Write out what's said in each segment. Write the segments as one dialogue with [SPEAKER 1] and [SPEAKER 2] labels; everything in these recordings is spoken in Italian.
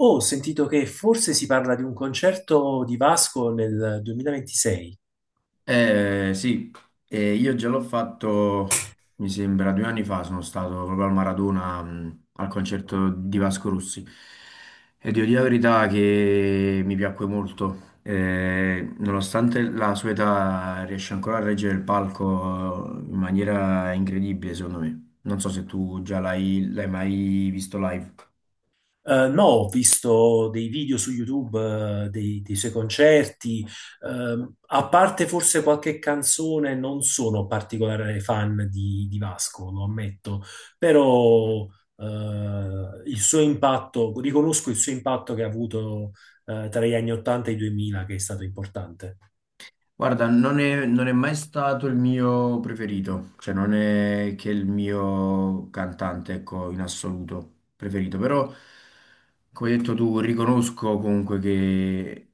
[SPEAKER 1] Oh, ho sentito che forse si parla di un concerto di Vasco nel 2026.
[SPEAKER 2] Eh, sì, io già l'ho fatto, mi sembra, due anni fa sono stato proprio al Maradona, al concerto di Vasco Rossi e devo dire la verità che mi piacque molto. Nonostante la sua età riesce ancora a reggere il palco in maniera incredibile, secondo me. Non so se tu già l'hai mai visto live.
[SPEAKER 1] No, ho visto dei video su YouTube, dei suoi concerti. A parte forse qualche canzone, non sono particolare fan di Vasco, lo ammetto, però eh, il suo impatto, riconosco il suo impatto che ha avuto tra gli anni 80 e i 2000, che è stato importante.
[SPEAKER 2] Guarda, non è mai stato il mio preferito, cioè non è che il mio cantante, ecco, in assoluto preferito, però come hai detto tu, riconosco comunque che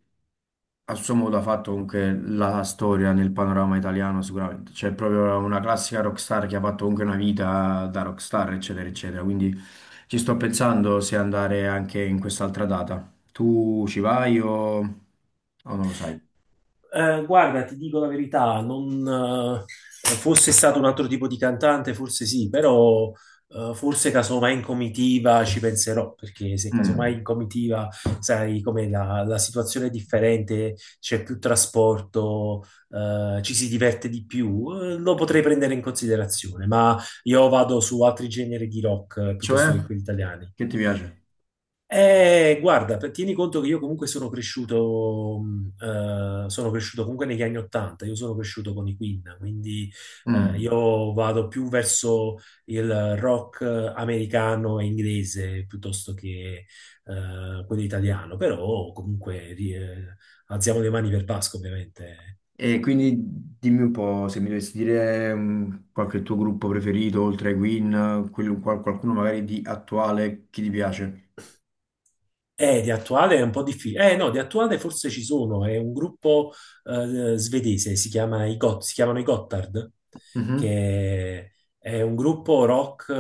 [SPEAKER 2] a suo modo ha fatto comunque la storia nel panorama italiano sicuramente, cioè è proprio una classica rockstar che ha fatto comunque una vita da rockstar, eccetera, eccetera, quindi ci sto pensando se andare anche in quest'altra data. Tu ci vai o non lo sai?
[SPEAKER 1] Guarda, ti dico la verità, non, fosse stato un altro tipo di cantante, forse sì, però forse casomai in comitiva ci penserò, perché se
[SPEAKER 2] Mm.
[SPEAKER 1] casomai in comitiva, sai com'è, la situazione è differente, c'è più trasporto, ci si diverte di più, lo potrei prendere in considerazione, ma io vado su altri generi di rock piuttosto che
[SPEAKER 2] Cioè?
[SPEAKER 1] quelli italiani.
[SPEAKER 2] Che ti piace?
[SPEAKER 1] Guarda, tieni conto che io comunque sono cresciuto comunque negli anni Ottanta, io sono cresciuto con i Queen, quindi
[SPEAKER 2] Mm.
[SPEAKER 1] io vado più verso il rock americano e inglese piuttosto che quello italiano, però comunque alziamo le mani per Pasqua, ovviamente.
[SPEAKER 2] E quindi dimmi un po' se mi dovessi dire qualche tuo gruppo preferito, oltre ai Queen, qualcuno magari di attuale che ti piace.
[SPEAKER 1] Di attuale è un po' difficile. No, di attuale forse ci sono. È un gruppo svedese, si chiamano i Gotthard,
[SPEAKER 2] Mhm.
[SPEAKER 1] che è un gruppo rock,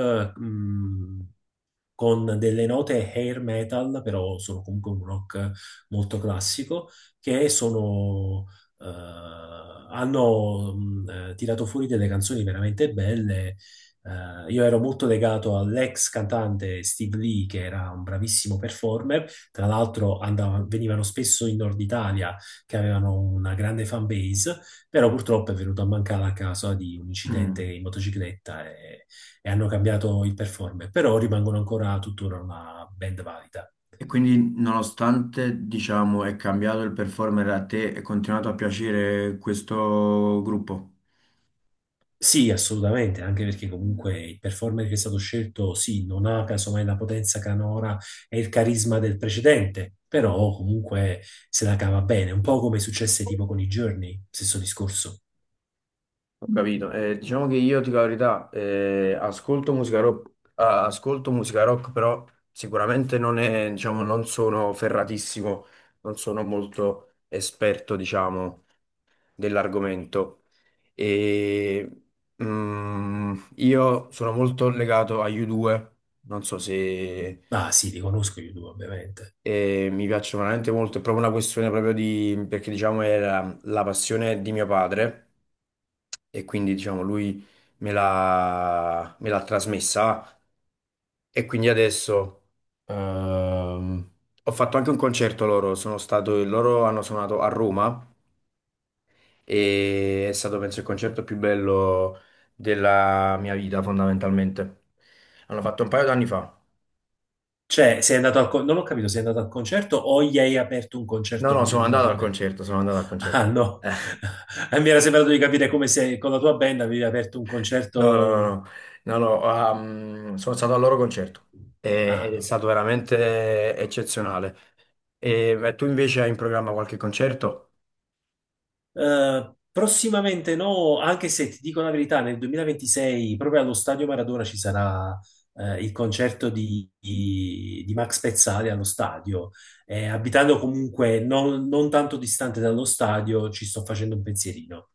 [SPEAKER 1] con delle note hair metal, però sono comunque un rock molto classico, che sono, hanno tirato fuori delle canzoni veramente belle. Io ero molto legato all'ex cantante Steve Lee, che era un bravissimo performer. Tra l'altro venivano spesso in Nord Italia, che avevano una grande fan base, però purtroppo è venuto a mancare a causa di un incidente
[SPEAKER 2] Mm.
[SPEAKER 1] in motocicletta e hanno cambiato il performer, però rimangono ancora tuttora una band valida.
[SPEAKER 2] E quindi, nonostante, diciamo, è cambiato il performer a te, è continuato a piacere questo gruppo?
[SPEAKER 1] Sì, assolutamente, anche perché comunque il performer che è stato scelto, sì, non ha casomai la potenza canora e il carisma del precedente, però comunque se la cava bene, un po' come successe tipo con i Journey, stesso discorso.
[SPEAKER 2] Ho capito. Diciamo che io, ti dico la verità, ascolto musica rock, ah, ascolto musica rock, però sicuramente non è, diciamo, non sono ferratissimo, non sono molto esperto, diciamo, dell'argomento. E, io sono molto legato agli U2, non so se
[SPEAKER 1] Ah sì, li conosco io due, ovviamente.
[SPEAKER 2] mi piacciono veramente molto, è proprio una questione proprio di, perché diciamo era la passione di mio padre e quindi diciamo lui me l'ha trasmessa e quindi adesso, ehm, ho fatto anche un concerto loro, sono stato, loro hanno suonato a Roma e è stato penso il concerto più bello della mia vita fondamentalmente. Hanno fatto un paio d'anni fa.
[SPEAKER 1] Cioè, sei andato non ho capito, sei andato al concerto o gli hai aperto un
[SPEAKER 2] No,
[SPEAKER 1] concerto
[SPEAKER 2] no,
[SPEAKER 1] con
[SPEAKER 2] sono
[SPEAKER 1] una
[SPEAKER 2] andato
[SPEAKER 1] tua
[SPEAKER 2] al
[SPEAKER 1] band?
[SPEAKER 2] concerto, sono andato al
[SPEAKER 1] Ah,
[SPEAKER 2] concerto.
[SPEAKER 1] no. Mi era sembrato di capire come se con la tua band avevi aperto un
[SPEAKER 2] No, no, no,
[SPEAKER 1] concerto.
[SPEAKER 2] no, no, no, sono stato al loro concerto
[SPEAKER 1] Ah,
[SPEAKER 2] ed è
[SPEAKER 1] no.
[SPEAKER 2] stato veramente eccezionale. E tu invece hai in programma qualche concerto?
[SPEAKER 1] Prossimamente no, anche se ti dico la verità, nel 2026 proprio allo Stadio Maradona ci sarà il concerto di Max Pezzali allo stadio. Abitando comunque non tanto distante dallo stadio, ci sto facendo un pensierino.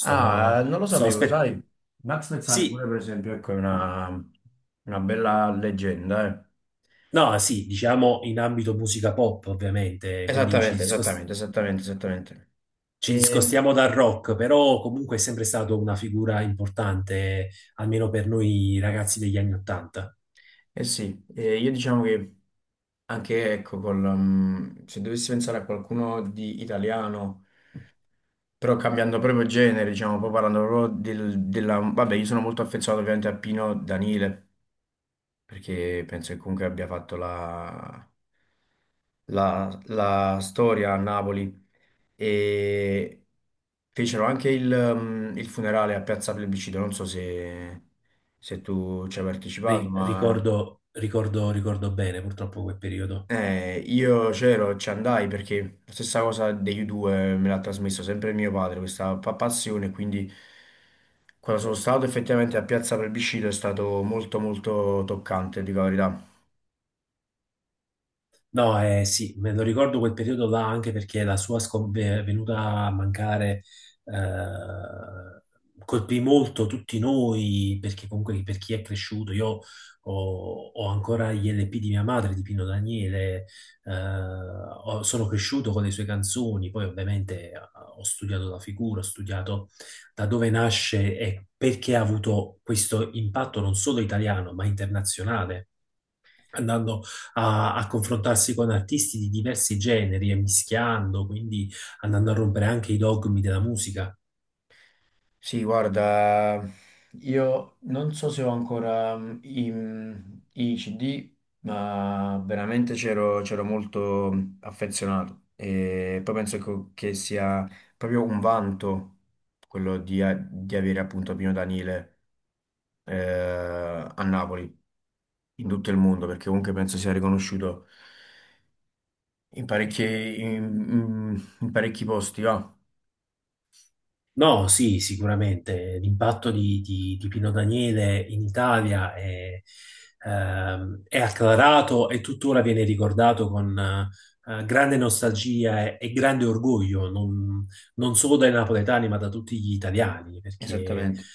[SPEAKER 2] Ah, non lo
[SPEAKER 1] sto
[SPEAKER 2] sapevo, lo
[SPEAKER 1] aspettando.
[SPEAKER 2] sai? Max Pezzali
[SPEAKER 1] Sì,
[SPEAKER 2] pure, per esempio, ecco, una bella leggenda, eh.
[SPEAKER 1] no, sì, diciamo in ambito musica pop, ovviamente, quindi ci
[SPEAKER 2] Esattamente,
[SPEAKER 1] discostiamo
[SPEAKER 2] esattamente, esattamente, esattamente.
[SPEAKER 1] ci
[SPEAKER 2] E,
[SPEAKER 1] discostiamo dal rock, però comunque è sempre stato una figura importante, almeno per noi ragazzi degli anni Ottanta.
[SPEAKER 2] eh sì, io diciamo che anche, ecco, se dovessi pensare a qualcuno di italiano... Però cambiando proprio genere, diciamo, poi parlando proprio della... Vabbè, io sono molto affezionato ovviamente a Pino Danile, perché penso che comunque abbia fatto la storia a Napoli. E fecero anche il, il funerale a Piazza Plebiscito, non so se, se tu ci hai partecipato,
[SPEAKER 1] Ri-
[SPEAKER 2] ma...
[SPEAKER 1] ricordo, ricordo, ricordo bene purtroppo quel periodo.
[SPEAKER 2] Io c'ero, ci andai perché la stessa cosa degli U2 me l'ha trasmesso sempre mio padre, questa passione, quindi quando sono stato effettivamente a Piazza Plebiscito è stato molto molto toccante, dico la verità.
[SPEAKER 1] No, sì, me lo ricordo quel periodo là anche perché la sua venuta a mancare eh, colpì molto tutti noi, perché comunque per chi è cresciuto, io ho ancora gli LP di mia madre, di Pino Daniele, sono cresciuto con le sue canzoni, poi ovviamente ho studiato la figura, ho studiato da dove nasce e perché ha avuto questo impatto non solo italiano, ma internazionale andando a confrontarsi con artisti di diversi generi e mischiando, quindi andando a rompere anche i dogmi della musica.
[SPEAKER 2] Sì, guarda, io non so se ho ancora mm, i CD, ma veramente c'ero molto affezionato e poi penso che sia proprio un vanto quello di, di avere appunto Pino Daniele a Napoli, in tutto il mondo, perché comunque penso sia riconosciuto in parecchi, in parecchi posti, va?
[SPEAKER 1] No, sì, sicuramente l'impatto di Pino Daniele in Italia è acclarato e tuttora viene ricordato con grande nostalgia e grande orgoglio, non solo dai napoletani, ma da tutti gli italiani, perché
[SPEAKER 2] Esattamente,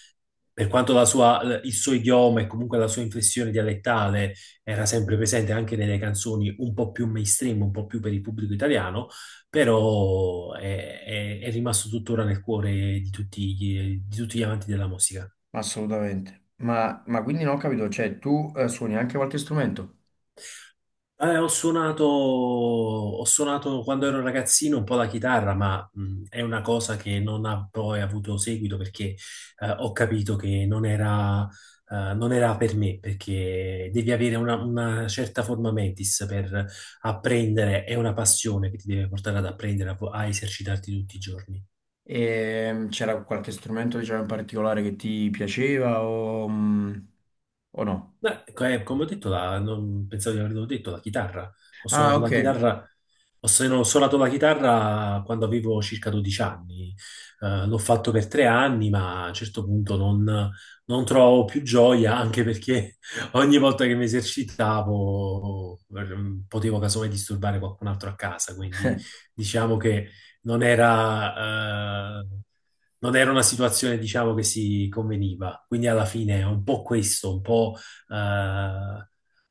[SPEAKER 1] per quanto il suo idioma e comunque la sua inflessione dialettale era sempre presente anche nelle canzoni un po' più mainstream, un po' più per il pubblico italiano, però è rimasto tuttora nel cuore di tutti gli amanti della musica.
[SPEAKER 2] assolutamente. Ma quindi non ho capito, cioè tu suoni anche qualche strumento?
[SPEAKER 1] Ho suonato quando ero ragazzino un po' la chitarra, ma è una cosa che non ha poi avuto seguito perché ho capito che non era per me, perché devi avere una certa forma mentis per apprendere, è una passione che ti deve portare ad apprendere, a esercitarti tutti i giorni.
[SPEAKER 2] E c'era qualche strumento, diciamo, in particolare che ti piaceva o no?
[SPEAKER 1] Beh, ecco, come ho detto, non pensavo di averlo detto, la chitarra. Ho
[SPEAKER 2] Ah,
[SPEAKER 1] suonato la
[SPEAKER 2] ok.
[SPEAKER 1] chitarra. Ho, se- no, Ho suonato la chitarra quando avevo circa 12 anni. L'ho fatto per tre anni, ma a un certo punto non trovavo più gioia, anche perché ogni volta che mi esercitavo potevo casomai disturbare qualcun altro a casa, quindi diciamo che non era... eh, non era una situazione, diciamo, che si conveniva. Quindi alla fine è un po' questo, eh,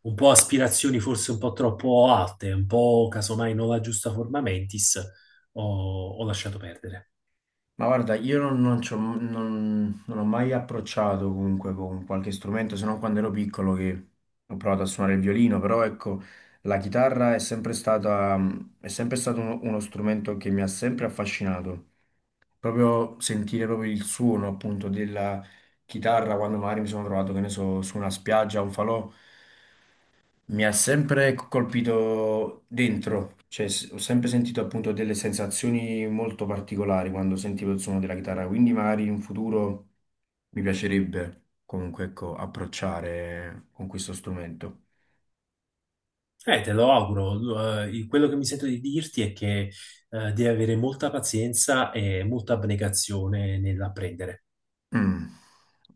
[SPEAKER 1] un po' aspirazioni forse un po' troppo alte, un po' casomai non la giusta forma mentis, ho, ho lasciato perdere.
[SPEAKER 2] Ma guarda, io non, non non ho mai approcciato comunque con qualche strumento, se non quando ero piccolo che ho provato a suonare il violino, però ecco, la chitarra è sempre stata, è sempre stato uno strumento che mi ha sempre affascinato. Proprio sentire proprio il suono appunto della chitarra quando magari mi sono trovato, che ne so, su una spiaggia, un falò. Mi ha sempre colpito dentro, cioè ho sempre sentito appunto delle sensazioni molto particolari quando sentivo il suono della chitarra, quindi magari in futuro mi piacerebbe comunque ecco, approcciare con questo strumento.
[SPEAKER 1] Te lo auguro. Quello che mi sento di dirti è che devi avere molta pazienza e molta abnegazione nell'apprendere.
[SPEAKER 2] Mm.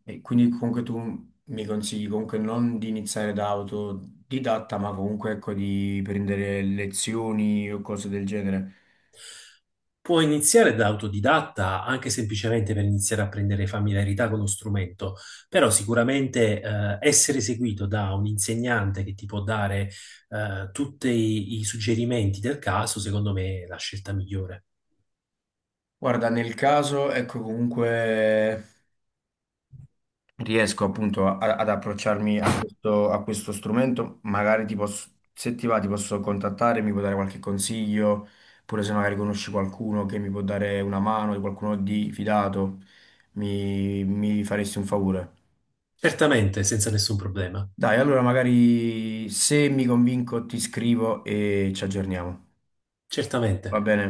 [SPEAKER 2] E quindi comunque tu mi consigli comunque non di iniziare da autodidatta, ma comunque ecco di prendere lezioni o cose del genere.
[SPEAKER 1] Puoi iniziare da autodidatta, anche semplicemente per iniziare a prendere familiarità con lo strumento, però sicuramente essere seguito da un insegnante che ti può dare tutti i suggerimenti del caso, secondo me è la scelta migliore.
[SPEAKER 2] Guarda, nel caso, ecco comunque riesco appunto ad approcciarmi a questo strumento, magari ti posso, se ti va, ti posso contattare, mi puoi dare qualche consiglio, pure se magari conosci qualcuno che mi può dare una mano, di qualcuno di fidato, mi faresti un favore.
[SPEAKER 1] Certamente, senza nessun problema.
[SPEAKER 2] Dai, allora magari se mi convinco ti scrivo e ci aggiorniamo.
[SPEAKER 1] Certamente.
[SPEAKER 2] Va bene?